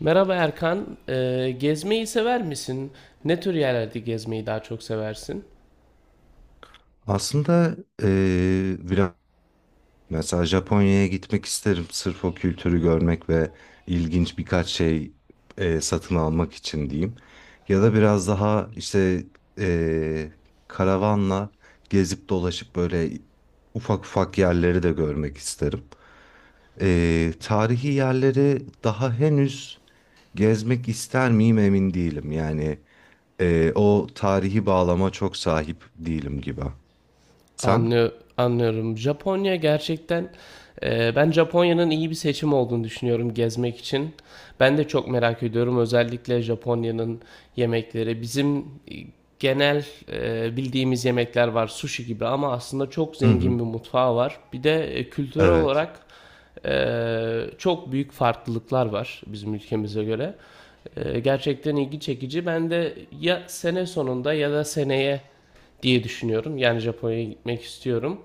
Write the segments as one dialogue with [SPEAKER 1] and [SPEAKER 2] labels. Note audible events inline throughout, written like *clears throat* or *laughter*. [SPEAKER 1] Merhaba Erkan. Gezmeyi sever misin? Ne tür yerlerde gezmeyi daha çok seversin?
[SPEAKER 2] Aslında biraz mesela Japonya'ya gitmek isterim. Sırf o kültürü görmek ve ilginç birkaç şey satın almak için diyeyim. Ya da biraz daha işte eee, karavanla gezip dolaşıp böyle ufak ufak yerleri de görmek isterim. Tarihi yerleri daha henüz gezmek ister miyim emin değilim. Yani o tarihi bağlama çok sahip değilim gibi. Sen?
[SPEAKER 1] Anlıyor, Anlıyorum. Japonya gerçekten ben Japonya'nın iyi bir seçim olduğunu düşünüyorum gezmek için. Ben de çok merak ediyorum. Özellikle Japonya'nın yemekleri. Bizim genel bildiğimiz yemekler var, sushi gibi ama aslında çok
[SPEAKER 2] Hı
[SPEAKER 1] zengin
[SPEAKER 2] hı.
[SPEAKER 1] bir mutfağı var. Bir de kültürel
[SPEAKER 2] Evet.
[SPEAKER 1] olarak e, çok büyük farklılıklar var bizim ülkemize göre. Gerçekten ilgi çekici. Ben de ya sene sonunda ya da seneye diye düşünüyorum. Yani Japonya'ya gitmek istiyorum.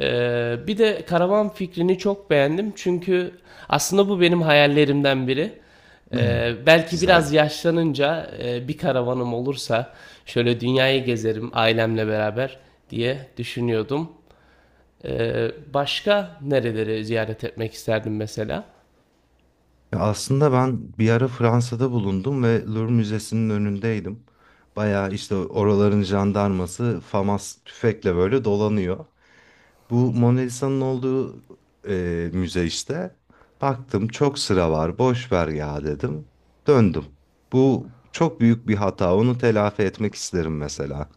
[SPEAKER 1] Bir de karavan fikrini çok beğendim. Çünkü aslında bu benim hayallerimden biri.
[SPEAKER 2] *clears throat* *laughs*
[SPEAKER 1] Belki biraz
[SPEAKER 2] Güzel.
[SPEAKER 1] yaşlanınca bir karavanım olursa şöyle dünyayı gezerim ailemle beraber diye düşünüyordum. Başka nereleri ziyaret etmek isterdim mesela?
[SPEAKER 2] Ya aslında ben bir ara Fransa'da bulundum ve Louvre Müzesi'nin önündeydim. Bayağı işte oraların jandarması FAMAS tüfekle böyle dolanıyor. Bu Mona Lisa'nın olduğu müze işte. Baktım çok sıra var, boş ver ya dedim. Döndüm. Bu çok büyük bir hata. Onu telafi etmek isterim mesela.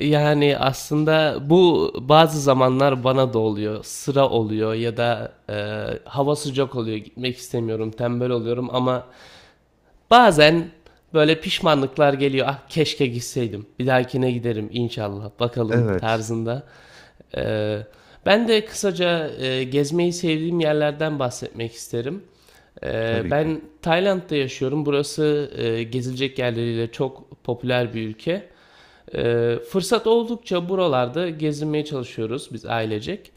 [SPEAKER 1] Yani aslında bu bazı zamanlar bana da oluyor. Sıra oluyor ya da hava sıcak oluyor. Gitmek istemiyorum, tembel oluyorum ama bazen böyle pişmanlıklar geliyor. Ah keşke gitseydim. Bir dahakine giderim inşallah. Bakalım
[SPEAKER 2] Evet,
[SPEAKER 1] tarzında. E, Ben de kısaca gezmeyi sevdiğim yerlerden bahsetmek isterim.
[SPEAKER 2] tabii ki.
[SPEAKER 1] Ben Tayland'da yaşıyorum. Burası gezilecek yerleriyle çok popüler bir ülke. Fırsat oldukça buralarda gezinmeye çalışıyoruz biz ailecek.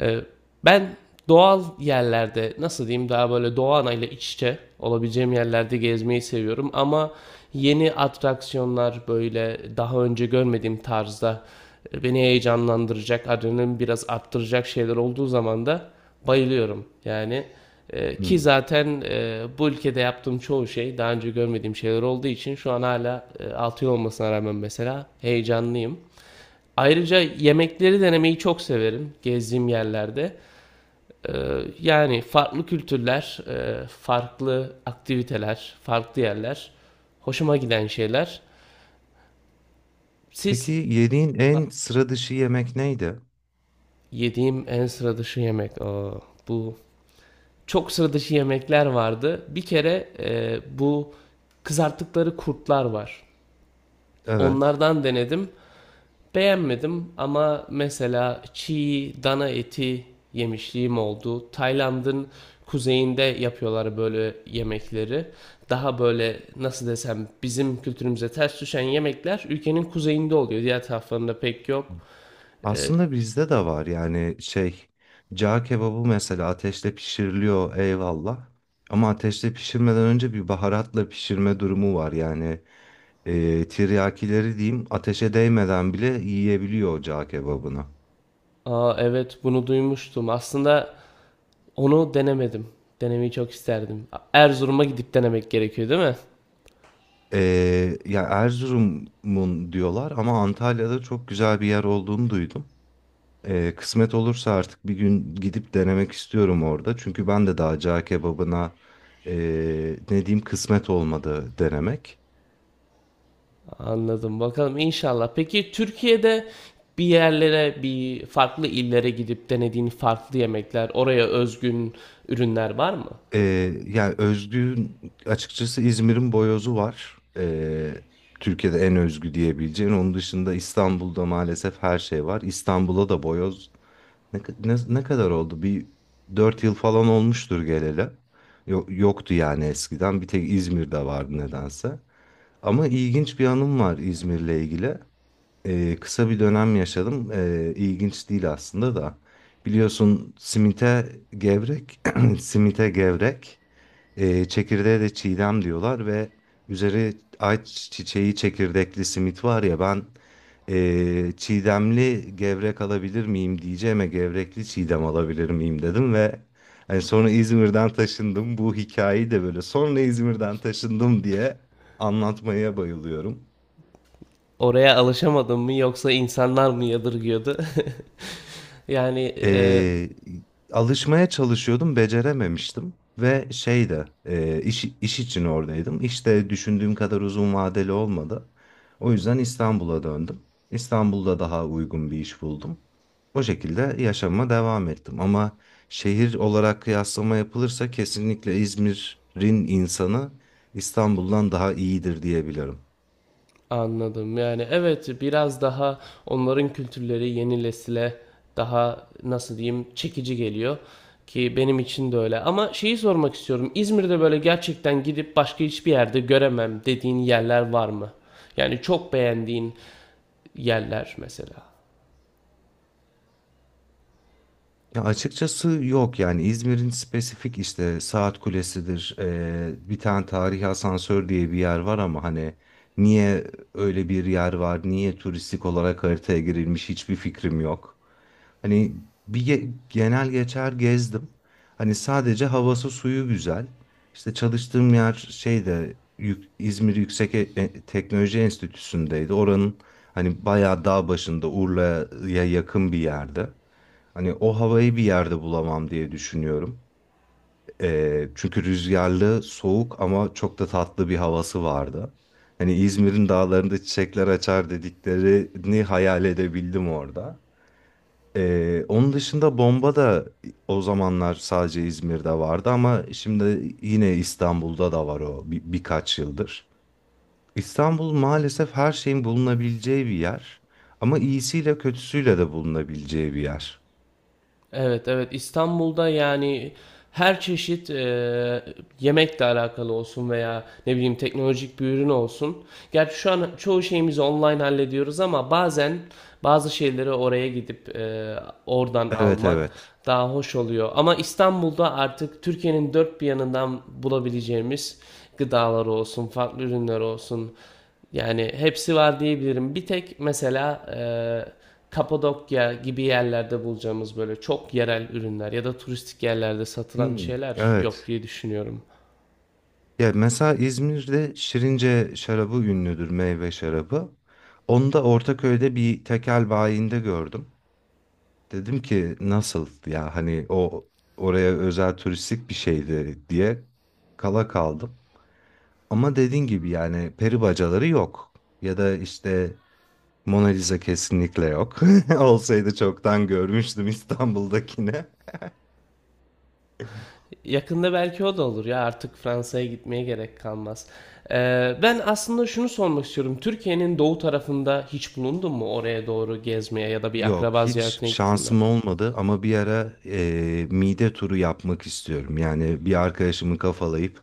[SPEAKER 1] Ee, Ben doğal yerlerde nasıl diyeyim daha böyle doğa anayla iç içe olabileceğim yerlerde gezmeyi seviyorum ama yeni atraksiyonlar böyle daha önce görmediğim tarzda beni heyecanlandıracak, adrenalin biraz arttıracak şeyler olduğu zaman da bayılıyorum. Yani ki
[SPEAKER 2] Hmm.
[SPEAKER 1] zaten bu ülkede yaptığım çoğu şey daha önce görmediğim şeyler olduğu için şu an hala 6 yıl olmasına rağmen mesela heyecanlıyım. Ayrıca yemekleri denemeyi çok severim gezdiğim yerlerde. E, Yani farklı kültürler, farklı aktiviteler, farklı yerler hoşuma giden şeyler.
[SPEAKER 2] Peki
[SPEAKER 1] Siz
[SPEAKER 2] yediğin en sıra dışı yemek neydi?
[SPEAKER 1] Yediğim en sıra dışı yemek. Aa, bu çok sıra dışı yemekler vardı. Bir kere bu kızarttıkları kurtlar var.
[SPEAKER 2] Evet.
[SPEAKER 1] Onlardan denedim. Beğenmedim ama mesela çiğ dana eti yemişliğim oldu. Tayland'ın kuzeyinde yapıyorlar böyle yemekleri. Daha böyle nasıl desem bizim kültürümüze ters düşen yemekler ülkenin kuzeyinde oluyor. Diğer taraflarında pek yok. E,
[SPEAKER 2] Aslında bizde de var yani şey cağ kebabı mesela ateşte pişiriliyor eyvallah. Ama ateşte pişirmeden önce bir baharatla pişirme durumu var yani tiryakileri diyeyim ateşe değmeden bile yiyebiliyor o cağ kebabını.
[SPEAKER 1] Aa evet bunu duymuştum. Aslında onu denemedim. Denemeyi çok isterdim. Erzurum'a gidip denemek gerekiyor değil mi?
[SPEAKER 2] E, ya Erzurum'un diyorlar ama Antalya'da çok güzel bir yer olduğunu duydum. E, kısmet olursa artık bir gün gidip denemek istiyorum orada. Çünkü ben de daha cağ kebabına e, ne diyeyim kısmet olmadı denemek.
[SPEAKER 1] Anladım. Bakalım inşallah. Peki Türkiye'de bir yerlere, bir farklı illere gidip denediğin farklı yemekler, oraya özgün ürünler var mı?
[SPEAKER 2] Ee, Yani özgün açıkçası İzmir'in boyozu var. Türkiye'de en özgü diyebileceğin. Onun dışında İstanbul'da maalesef her şey var. İstanbul'a da boyoz ne kadar oldu? Bir 4 yıl falan olmuştur geleli. Yoktu yani eskiden. Bir tek İzmir'de vardı nedense. Ama ilginç bir anım var İzmir'le ilgili. Kısa bir dönem yaşadım. İlginç değil aslında da. Biliyorsun simite gevrek, *clears throat* simite gevrek. Çekirdeğe de çiğdem diyorlar ve üzeri ayçiçeği çiçeği çekirdekli simit var ya ben çiğdemli gevrek alabilir miyim diyeceğime gevrekli çiğdem alabilir miyim dedim ve hani sonra İzmir'den taşındım bu hikayeyi de böyle sonra İzmir'den taşındım diye anlatmaya bayılıyorum.
[SPEAKER 1] Oraya alışamadın mı yoksa insanlar mı yadırgıyordu? *laughs* yani
[SPEAKER 2] Eee, Alışmaya çalışıyordum, becerememiştim ve şey de iş için oradaydım. İşte düşündüğüm kadar uzun vadeli olmadı. O yüzden İstanbul'a döndüm. İstanbul'da daha uygun bir iş buldum. O şekilde yaşama devam ettim. Ama şehir olarak kıyaslama yapılırsa kesinlikle İzmir'in insanı İstanbul'dan daha iyidir diyebilirim.
[SPEAKER 1] anladım. Yani evet biraz daha onların kültürleri yeni nesile daha nasıl diyeyim çekici geliyor ki benim için de öyle. Ama şeyi sormak istiyorum. İzmir'de böyle gerçekten gidip başka hiçbir yerde göremem dediğin yerler var mı? Yani çok beğendiğin yerler mesela.
[SPEAKER 2] Ya açıkçası yok yani İzmir'in spesifik işte Saat Kulesi'dir bir tane tarihi asansör diye bir yer var ama hani niye öyle bir yer var niye turistik olarak haritaya girilmiş hiçbir fikrim yok. Hani bir genel geçer gezdim hani sadece havası suyu güzel. İşte çalıştığım yer şeyde İzmir Yüksek Teknoloji Enstitüsü'ndeydi oranın hani bayağı dağ başında Urla'ya yakın bir yerde. Hani o havayı bir yerde bulamam diye düşünüyorum. Çünkü rüzgarlı, soğuk ama çok da tatlı bir havası vardı. Hani İzmir'in dağlarında çiçekler açar dediklerini hayal edebildim orada. Onun dışında bomba da o zamanlar sadece İzmir'de vardı ama şimdi yine İstanbul'da da var o birkaç yıldır. İstanbul maalesef her şeyin bulunabileceği bir yer ama iyisiyle kötüsüyle de bulunabileceği bir yer.
[SPEAKER 1] Evet, evet. İstanbul'da yani her çeşit yemekle alakalı olsun veya ne bileyim teknolojik bir ürün olsun. Gerçi şu an çoğu şeyimizi online hallediyoruz ama bazen bazı şeyleri oraya gidip oradan
[SPEAKER 2] Evet,
[SPEAKER 1] almak
[SPEAKER 2] evet.
[SPEAKER 1] daha hoş oluyor. Ama İstanbul'da artık Türkiye'nin dört bir yanından bulabileceğimiz gıdalar olsun, farklı ürünler olsun, yani hepsi var diyebilirim. Bir tek mesela Kapadokya gibi yerlerde bulacağımız böyle çok yerel ürünler ya da turistik yerlerde satılan
[SPEAKER 2] Hmm,
[SPEAKER 1] şeyler yok
[SPEAKER 2] evet.
[SPEAKER 1] diye düşünüyorum.
[SPEAKER 2] Ya mesela İzmir'de Şirince şarabı ünlüdür, meyve şarabı. Onu da Ortaköy'de bir tekel bayinde gördüm. Dedim ki nasıl ya hani o oraya özel turistik bir şeydi diye kala kaldım. Ama dediğin gibi yani peri bacaları yok. Ya da işte Mona Lisa kesinlikle yok. *laughs* Olsaydı çoktan görmüştüm İstanbul'dakine.
[SPEAKER 1] Yakında belki o da olur ya artık Fransa'ya gitmeye gerek kalmaz. E, Ben aslında şunu sormak istiyorum. Türkiye'nin doğu tarafında hiç bulundun mu? Oraya doğru gezmeye ya da bir
[SPEAKER 2] Yok
[SPEAKER 1] akraba
[SPEAKER 2] hiç
[SPEAKER 1] ziyaretine gittin mi?
[SPEAKER 2] şansım olmadı ama bir ara mide turu yapmak istiyorum. Yani bir arkadaşımı kafalayıp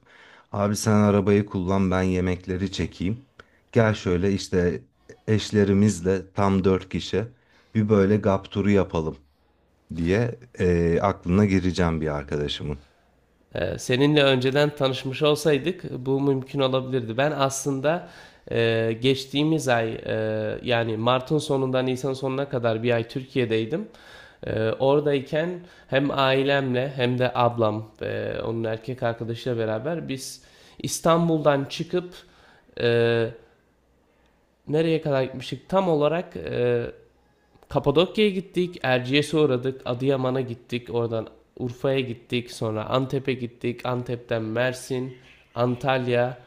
[SPEAKER 2] abi sen arabayı kullan ben yemekleri çekeyim. Gel şöyle işte eşlerimizle tam 4 kişi bir böyle gap turu yapalım diye aklına gireceğim bir arkadaşımın.
[SPEAKER 1] Seninle önceden tanışmış olsaydık bu mümkün olabilirdi. Ben aslında geçtiğimiz ay yani Mart'ın sonundan Nisan sonuna kadar bir ay Türkiye'deydim. Oradayken hem ailemle hem de ablam ve onun erkek arkadaşıyla beraber biz İstanbul'dan çıkıp e, nereye kadar gitmiştik? Tam olarak Kapadokya'ya gittik, Erciyes'e uğradık, Adıyaman'a gittik, oradan Urfa'ya gittik, sonra Antep'e gittik, Antep'ten Mersin, Antalya,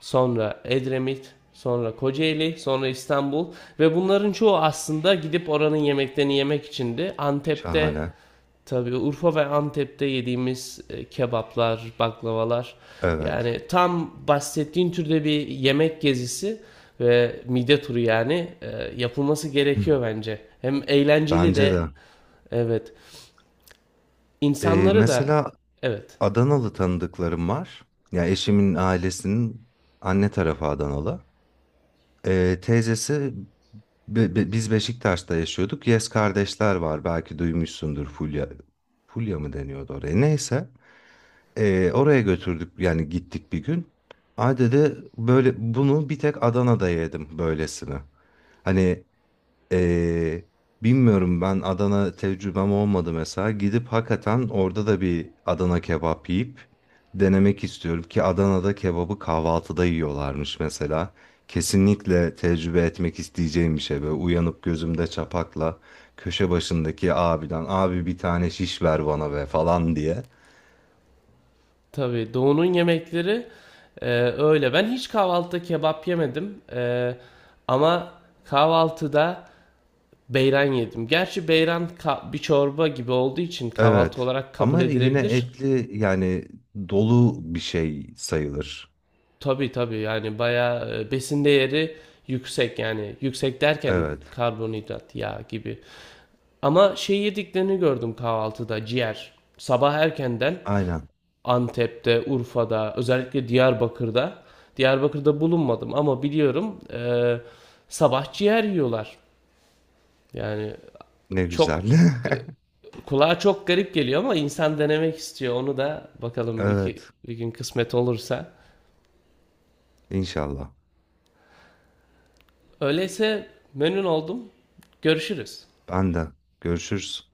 [SPEAKER 1] sonra Edremit, sonra Kocaeli, sonra İstanbul ve bunların çoğu aslında gidip oranın yemeklerini yemek içindi. Antep'te
[SPEAKER 2] Şahane.
[SPEAKER 1] Tabii Urfa ve Antep'te yediğimiz kebaplar, baklavalar
[SPEAKER 2] Evet.
[SPEAKER 1] yani tam bahsettiğin türde bir yemek gezisi ve mide turu yani yapılması
[SPEAKER 2] *laughs* Hı,
[SPEAKER 1] gerekiyor bence. Hem eğlenceli
[SPEAKER 2] bence
[SPEAKER 1] de
[SPEAKER 2] de.
[SPEAKER 1] evet. İnsanları da
[SPEAKER 2] Mesela
[SPEAKER 1] evet.
[SPEAKER 2] Adanalı tanıdıklarım var. Ya eşimin ailesinin anne tarafı Adanalı. Teyzesi biz Beşiktaş'ta yaşıyorduk. Yes kardeşler var belki duymuşsundur Fulya. Fulya mı deniyordu oraya? Neyse. Oraya götürdük yani gittik bir gün. Ay dedi böyle bunu bir tek Adana'da yedim böylesini. Hani ee, bilmiyorum ben Adana tecrübem olmadı mesela. Gidip hakikaten orada da bir Adana kebap yiyip denemek istiyorum ki Adana'da kebabı kahvaltıda yiyorlarmış mesela. Kesinlikle tecrübe etmek isteyeceğim bir şey böyle uyanıp gözümde çapakla köşe başındaki abiden abi bir tane şiş ver bana be falan diye.
[SPEAKER 1] Tabii doğunun yemekleri öyle. Ben hiç kahvaltıda kebap yemedim. Ama kahvaltıda beyran yedim. Gerçi beyran bir çorba gibi olduğu için kahvaltı
[SPEAKER 2] Evet,
[SPEAKER 1] olarak kabul
[SPEAKER 2] ama yine
[SPEAKER 1] edilebilir.
[SPEAKER 2] etli yani dolu bir şey sayılır.
[SPEAKER 1] Tabii tabii yani bayağı besin değeri yüksek yani yüksek derken
[SPEAKER 2] Evet,
[SPEAKER 1] karbonhidrat, yağ gibi. Ama şey yediklerini gördüm kahvaltıda ciğer. Sabah erkenden
[SPEAKER 2] aynen.
[SPEAKER 1] Antep'te, Urfa'da, özellikle Diyarbakır'da. Diyarbakır'da bulunmadım ama biliyorum sabah ciğer yiyorlar. Yani
[SPEAKER 2] Ne güzel.
[SPEAKER 1] çok
[SPEAKER 2] *laughs*
[SPEAKER 1] kulağa çok garip geliyor ama insan denemek istiyor. Onu da bakalım
[SPEAKER 2] Evet.
[SPEAKER 1] bir gün kısmet olursa.
[SPEAKER 2] İnşallah.
[SPEAKER 1] Öyleyse memnun oldum. Görüşürüz.
[SPEAKER 2] Ben de. Görüşürüz.